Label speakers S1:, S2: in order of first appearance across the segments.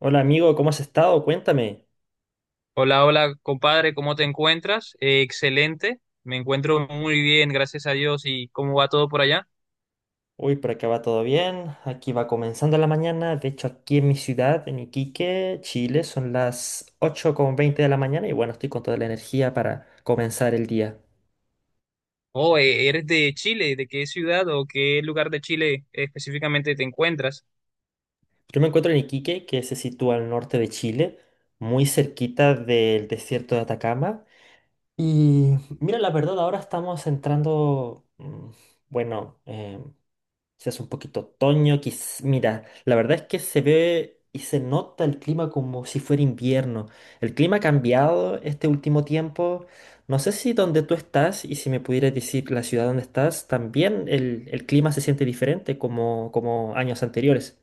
S1: Hola amigo, ¿cómo has estado? Cuéntame.
S2: Hola, hola, compadre, ¿cómo te encuentras? Excelente, me encuentro muy bien, gracias a Dios. ¿Y cómo va todo por allá?
S1: Uy, por acá va todo bien. Aquí va comenzando la mañana. De hecho, aquí en mi ciudad, en Iquique, Chile, son las 8:20 de la mañana y bueno, estoy con toda la energía para comenzar el día.
S2: Oh, ¿eres de Chile? ¿De qué ciudad o qué lugar de Chile específicamente te encuentras?
S1: Yo me encuentro en Iquique, que se sitúa al norte de Chile, muy cerquita del desierto de Atacama. Y mira, la verdad, ahora estamos entrando, bueno, em, Se hace un poquito otoño, mira, la verdad es que se ve y se nota el clima como si fuera invierno. El clima ha cambiado este último tiempo. No sé si donde tú estás y si me pudieras decir la ciudad donde estás, también el clima se siente diferente como años anteriores.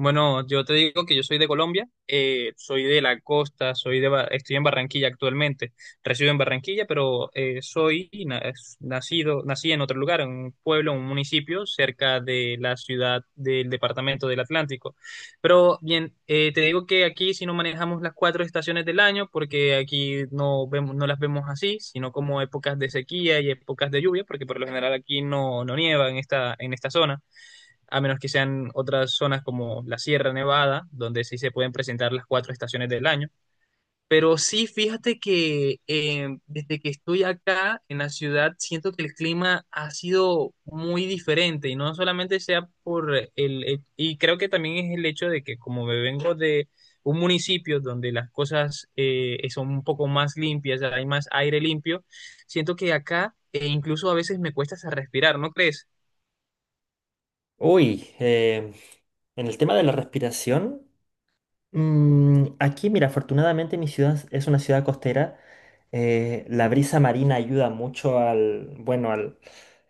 S2: Bueno, yo te digo que yo soy de Colombia, soy de la costa, estoy en Barranquilla actualmente, resido en Barranquilla, pero nacido, nací en otro lugar, en un pueblo, en un municipio cerca de la ciudad del departamento del Atlántico. Pero bien, te digo que aquí si no manejamos las cuatro estaciones del año, porque aquí no vemos, no las vemos así, sino como épocas de sequía y épocas de lluvia, porque por lo general aquí no, no nieva en esta zona a menos que sean otras zonas como la Sierra Nevada, donde sí se pueden presentar las cuatro estaciones del año. Pero sí, fíjate que desde que estoy acá en la ciudad, siento que el clima ha sido muy diferente y no solamente sea por y creo que también es el hecho de que como me vengo de un municipio donde las cosas son un poco más limpias, hay más aire limpio, siento que acá incluso a veces me cuesta hasta respirar, ¿no crees?
S1: Uy, en el tema de la respiración. Mm, aquí, mira, afortunadamente mi ciudad es una ciudad costera. La brisa marina ayuda mucho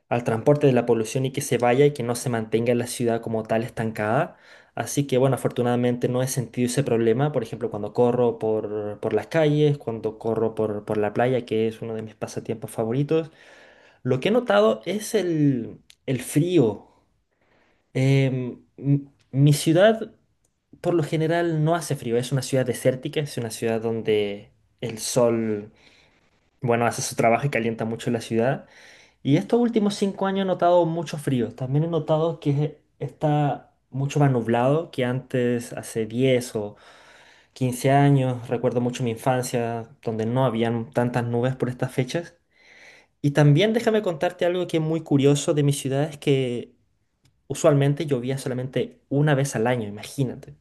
S1: al transporte de la polución y que se vaya y que no se mantenga la ciudad como tal estancada. Así que, bueno, afortunadamente no he sentido ese problema. Por ejemplo, cuando corro por las calles, cuando corro por la playa, que es uno de mis pasatiempos favoritos. Lo que he notado es el frío. Em, m- Mi ciudad por lo general no hace frío, es una ciudad desértica, es una ciudad donde el sol, bueno, hace su trabajo y calienta mucho la ciudad. Y estos últimos 5 años he notado mucho frío. También he notado que está mucho más nublado que antes, hace 10 o 15 años. Recuerdo mucho mi infancia, donde no habían tantas nubes por estas fechas. Y también déjame contarte algo que es muy curioso de mi ciudad, es que usualmente llovía solamente una vez al año, imagínate.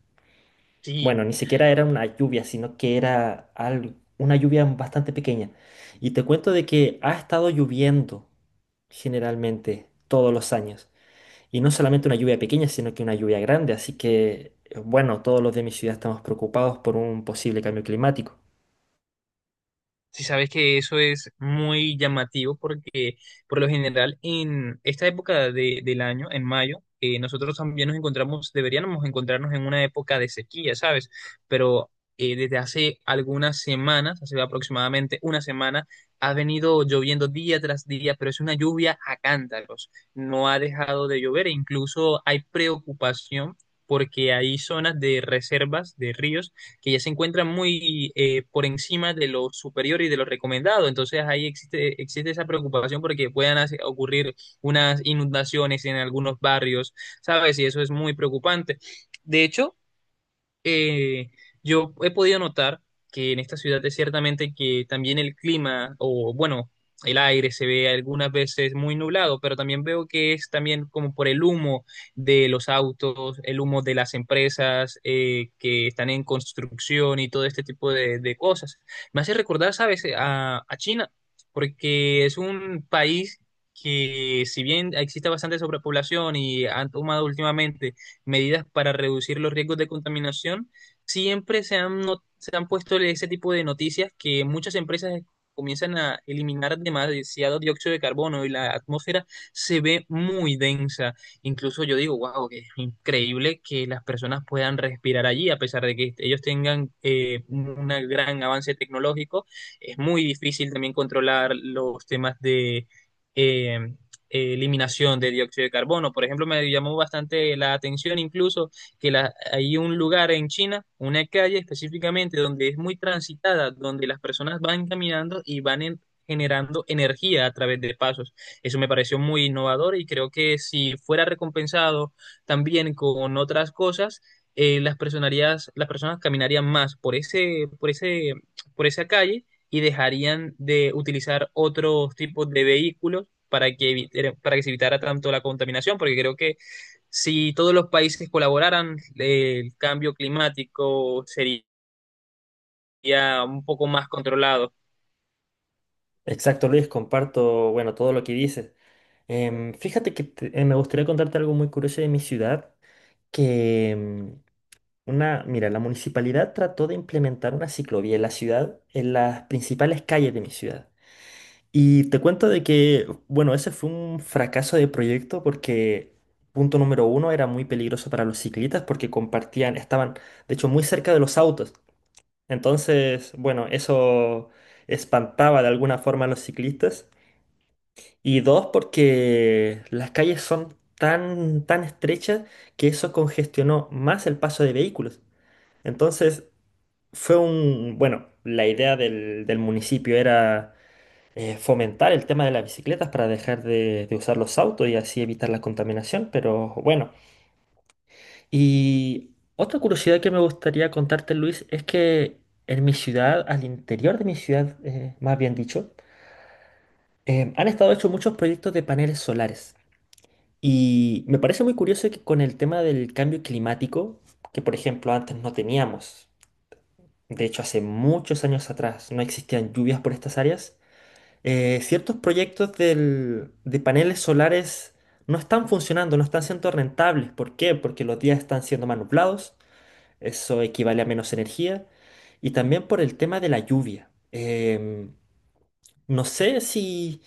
S1: Bueno,
S2: Sí.
S1: ni siquiera era una lluvia, sino que era una lluvia bastante pequeña. Y te cuento de que ha estado lloviendo generalmente todos los años. Y no solamente una lluvia pequeña, sino que una lluvia grande. Así que, bueno, todos los de mi ciudad estamos preocupados por un posible cambio climático.
S2: Si sabes que eso es muy llamativo porque por lo general en esta del año, en mayo, nosotros también nos encontramos, deberíamos encontrarnos en una época de sequía, ¿sabes? Pero desde hace algunas semanas, hace aproximadamente una semana, ha venido lloviendo día tras día, pero es una lluvia a cántaros. No ha dejado de llover e incluso hay preocupación porque hay zonas de reservas de ríos que ya se encuentran muy por encima de lo superior y de lo recomendado. Entonces ahí existe, existe esa preocupación porque ocurrir unas inundaciones en algunos barrios, ¿sabes? Y eso es muy preocupante. De hecho, eh, yo he podido notar que en esta ciudad es ciertamente que también el clima, o bueno, el aire se ve algunas veces muy nublado, pero también veo que es también como por el humo de los autos, el humo de las empresas que están en construcción y todo este tipo de cosas. Me hace recordar, ¿sabes?, a China, porque es un país que si bien existe bastante sobrepoblación y han tomado últimamente medidas para reducir los riesgos de contaminación, siempre se han, no- se han puesto ese tipo de noticias que muchas empresas comienzan a eliminar demasiado dióxido de carbono y la atmósfera se ve muy densa. Incluso yo digo, wow, que es increíble que las personas puedan respirar allí, a pesar de que ellos tengan un gran avance tecnológico. Es muy difícil también controlar los temas de, eh, eliminación de dióxido de carbono. Por ejemplo, me llamó bastante la atención incluso hay un lugar en China, una calle específicamente, donde es muy transitada, donde las personas van caminando y generando energía a través de pasos. Eso me pareció muy innovador y creo que si fuera recompensado también con otras cosas, las personas caminarían más por ese, por ese, por esa calle y dejarían de utilizar otros tipos de vehículos para para que se evitara tanto la contaminación, porque creo que si todos los países colaboraran, el cambio climático sería un poco más controlado.
S1: Exacto, Luis, comparto, bueno, todo lo que dices. Em, fíjate que me gustaría contarte algo muy curioso de mi ciudad, que una, mira, la municipalidad trató de implementar una ciclovía en la ciudad, en las principales calles de mi ciudad. Y te cuento de que, bueno, ese fue un fracaso de proyecto porque, punto número uno, era muy peligroso para los ciclistas porque compartían, estaban, de hecho, muy cerca de los autos. Entonces, bueno, eso espantaba de alguna forma a los ciclistas. Y dos, porque las calles son tan estrechas que eso congestionó más el paso de vehículos. Entonces, fue un, bueno, la idea del municipio era fomentar el tema de las bicicletas para dejar de usar los autos y así evitar la contaminación, pero bueno. Y otra curiosidad que me gustaría contarte, Luis, es que en mi ciudad, al interior de mi ciudad, más bien dicho, han estado hechos muchos proyectos de paneles solares. Y me parece muy curioso que con el tema del cambio climático, que por ejemplo antes no teníamos. De hecho, hace muchos años atrás no existían lluvias por estas áreas. Ciertos proyectos de paneles solares no están funcionando, no están siendo rentables. ¿Por qué? Porque los días están siendo más nublados, eso equivale a menos energía. Y también por el tema de la lluvia. Em, no sé si,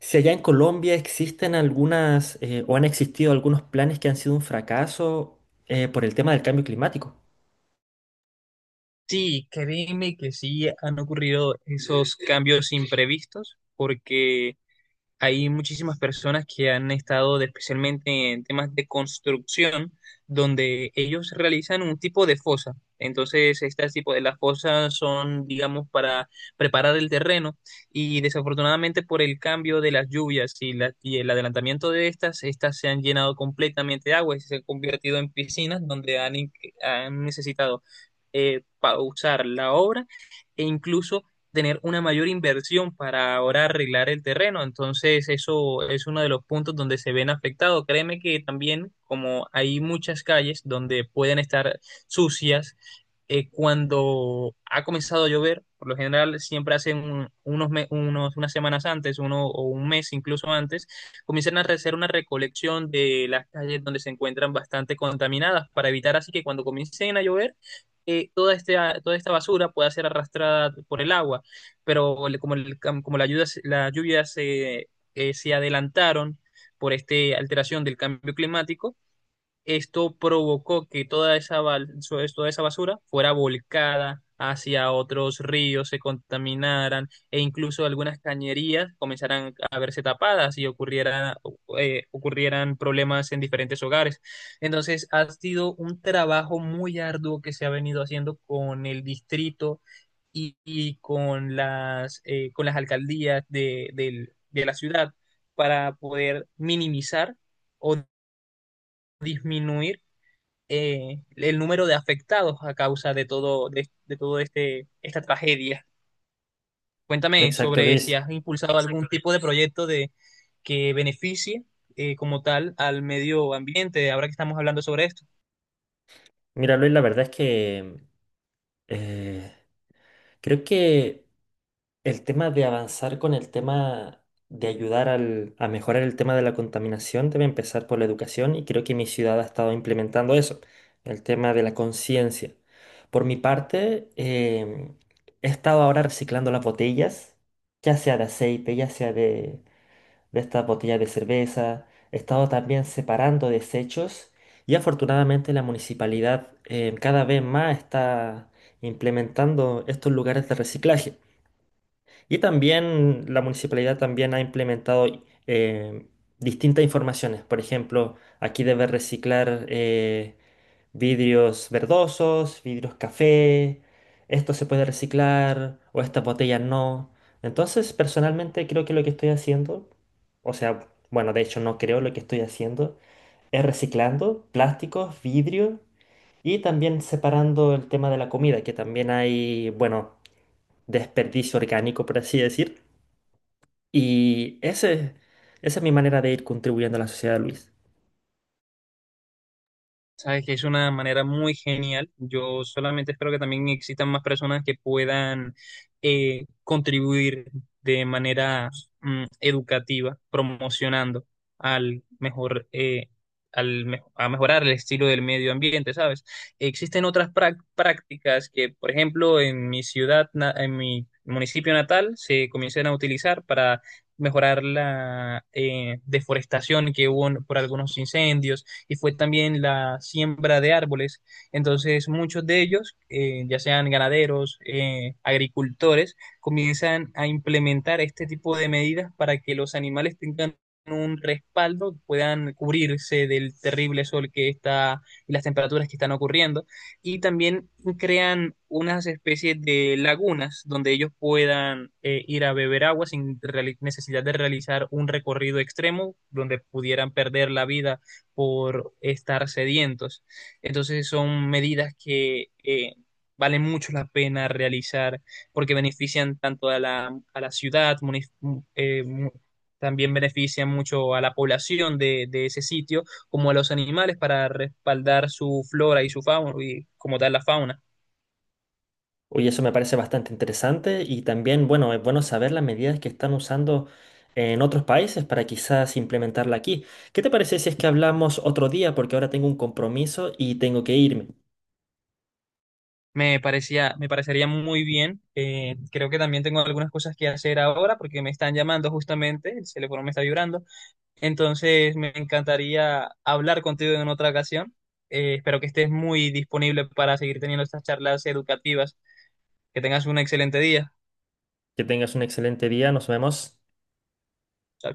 S1: si allá en Colombia existen algunas o han existido algunos planes que han sido un fracaso por el tema del cambio climático.
S2: Sí, créeme que sí han ocurrido esos cambios imprevistos, porque hay muchísimas personas que han especialmente en temas de construcción, donde ellos realizan un tipo de fosa. Entonces, este tipo de las fosas son, digamos, para preparar el terreno y desafortunadamente por el cambio de las lluvias y el adelantamiento de estas, estas se han llenado completamente de agua y se han convertido en piscinas donde han necesitado pausar la obra e incluso tener una mayor inversión para ahora arreglar el terreno. Entonces, eso es uno de los puntos donde se ven afectados. Créeme que también, como hay muchas calles donde pueden estar sucias, cuando ha comenzado a llover, por lo general siempre hacen un- unos, me- unos unas semanas antes, uno o un mes incluso antes, comienzan a hacer una recolección de las calles donde se encuentran bastante contaminadas para evitar así que cuando comiencen a llover, toda, este, toda esta basura pueda ser arrastrada por el agua como, como la, ayuda, la lluvia se, se adelantaron por esta alteración del cambio climático, esto provocó que toda toda esa basura fuera volcada hacia otros ríos, se contaminaran e incluso algunas cañerías comenzaran a verse tapadas y ocurrieran problemas en diferentes hogares. Entonces, ha sido un trabajo muy arduo que se ha venido haciendo con el distrito y con las alcaldías de la ciudad para poder minimizar o disminuir el número de afectados a causa de todo este, esta tragedia. Cuéntame
S1: Exacto,
S2: sobre si
S1: Luis.
S2: has impulsado algún tipo de proyecto de, que beneficie como tal al medio ambiente, ahora que estamos hablando sobre esto.
S1: Mira, Luis, la verdad es que Eh, creo que el tema de avanzar con el tema de ayudar a mejorar el tema de la contaminación debe empezar por la educación y creo que mi ciudad ha estado implementando eso, el tema de la conciencia. Por mi parte, he estado ahora reciclando las botellas, ya sea de aceite, ya sea de estas botellas de cerveza. He estado también separando desechos y afortunadamente la municipalidad cada vez más está implementando estos lugares de reciclaje. Y también la municipalidad también ha implementado eh, distintas informaciones. Por ejemplo, aquí debes reciclar. Vidrios verdosos, vidrios café, esto se puede reciclar o estas botellas no. Entonces, personalmente creo que lo que estoy haciendo, o sea, bueno, de hecho no creo lo que estoy haciendo, es reciclando plásticos, vidrio y también separando el tema de la comida, que también hay, bueno, desperdicio orgánico, por así decir. Y esa es mi manera de ir contribuyendo a la sociedad, Luis.
S2: Sabes que es una manera muy genial. Yo solamente espero que también existan más personas que puedan contribuir de manera educativa, promocionando al mejor, a mejorar el estilo del medio ambiente, ¿sabes? Existen otras prácticas que, por ejemplo, en mi ciudad, en mi municipio natal, se comienzan a utilizar para mejorar la deforestación que por algunos incendios y fue también la siembra de árboles. Entonces muchos de ellos, ya sean ganaderos, agricultores, comienzan a implementar este tipo de medidas para que los animales tengan un respaldo, puedan cubrirse del terrible sol que está y las temperaturas que están ocurriendo. Y también crean unas especies de lagunas donde ellos puedan ir a beber agua sin necesidad de realizar un recorrido extremo donde pudieran perder la vida por estar sedientos. Entonces son medidas que valen mucho la pena realizar porque benefician tanto a la ciudad, eh, mu- también benefician mucho a la población de ese sitio, como a los animales para respaldar su flora y su fauna, y como tal la fauna.
S1: Oye, eso me parece bastante interesante y también, bueno, es bueno saber las medidas que están usando en otros países para quizás implementarla aquí. ¿Qué te parece si es que hablamos otro día? Porque ahora tengo un compromiso y tengo que irme.
S2: Me parecía, me parecería muy bien. Creo que también tengo algunas cosas que hacer ahora porque me están llamando justamente, el teléfono me está vibrando. Entonces, me encantaría hablar contigo en otra ocasión. Espero que estés muy disponible para seguir teniendo estas charlas educativas. Que tengas un excelente día.
S1: Que tengas un excelente día, nos vemos.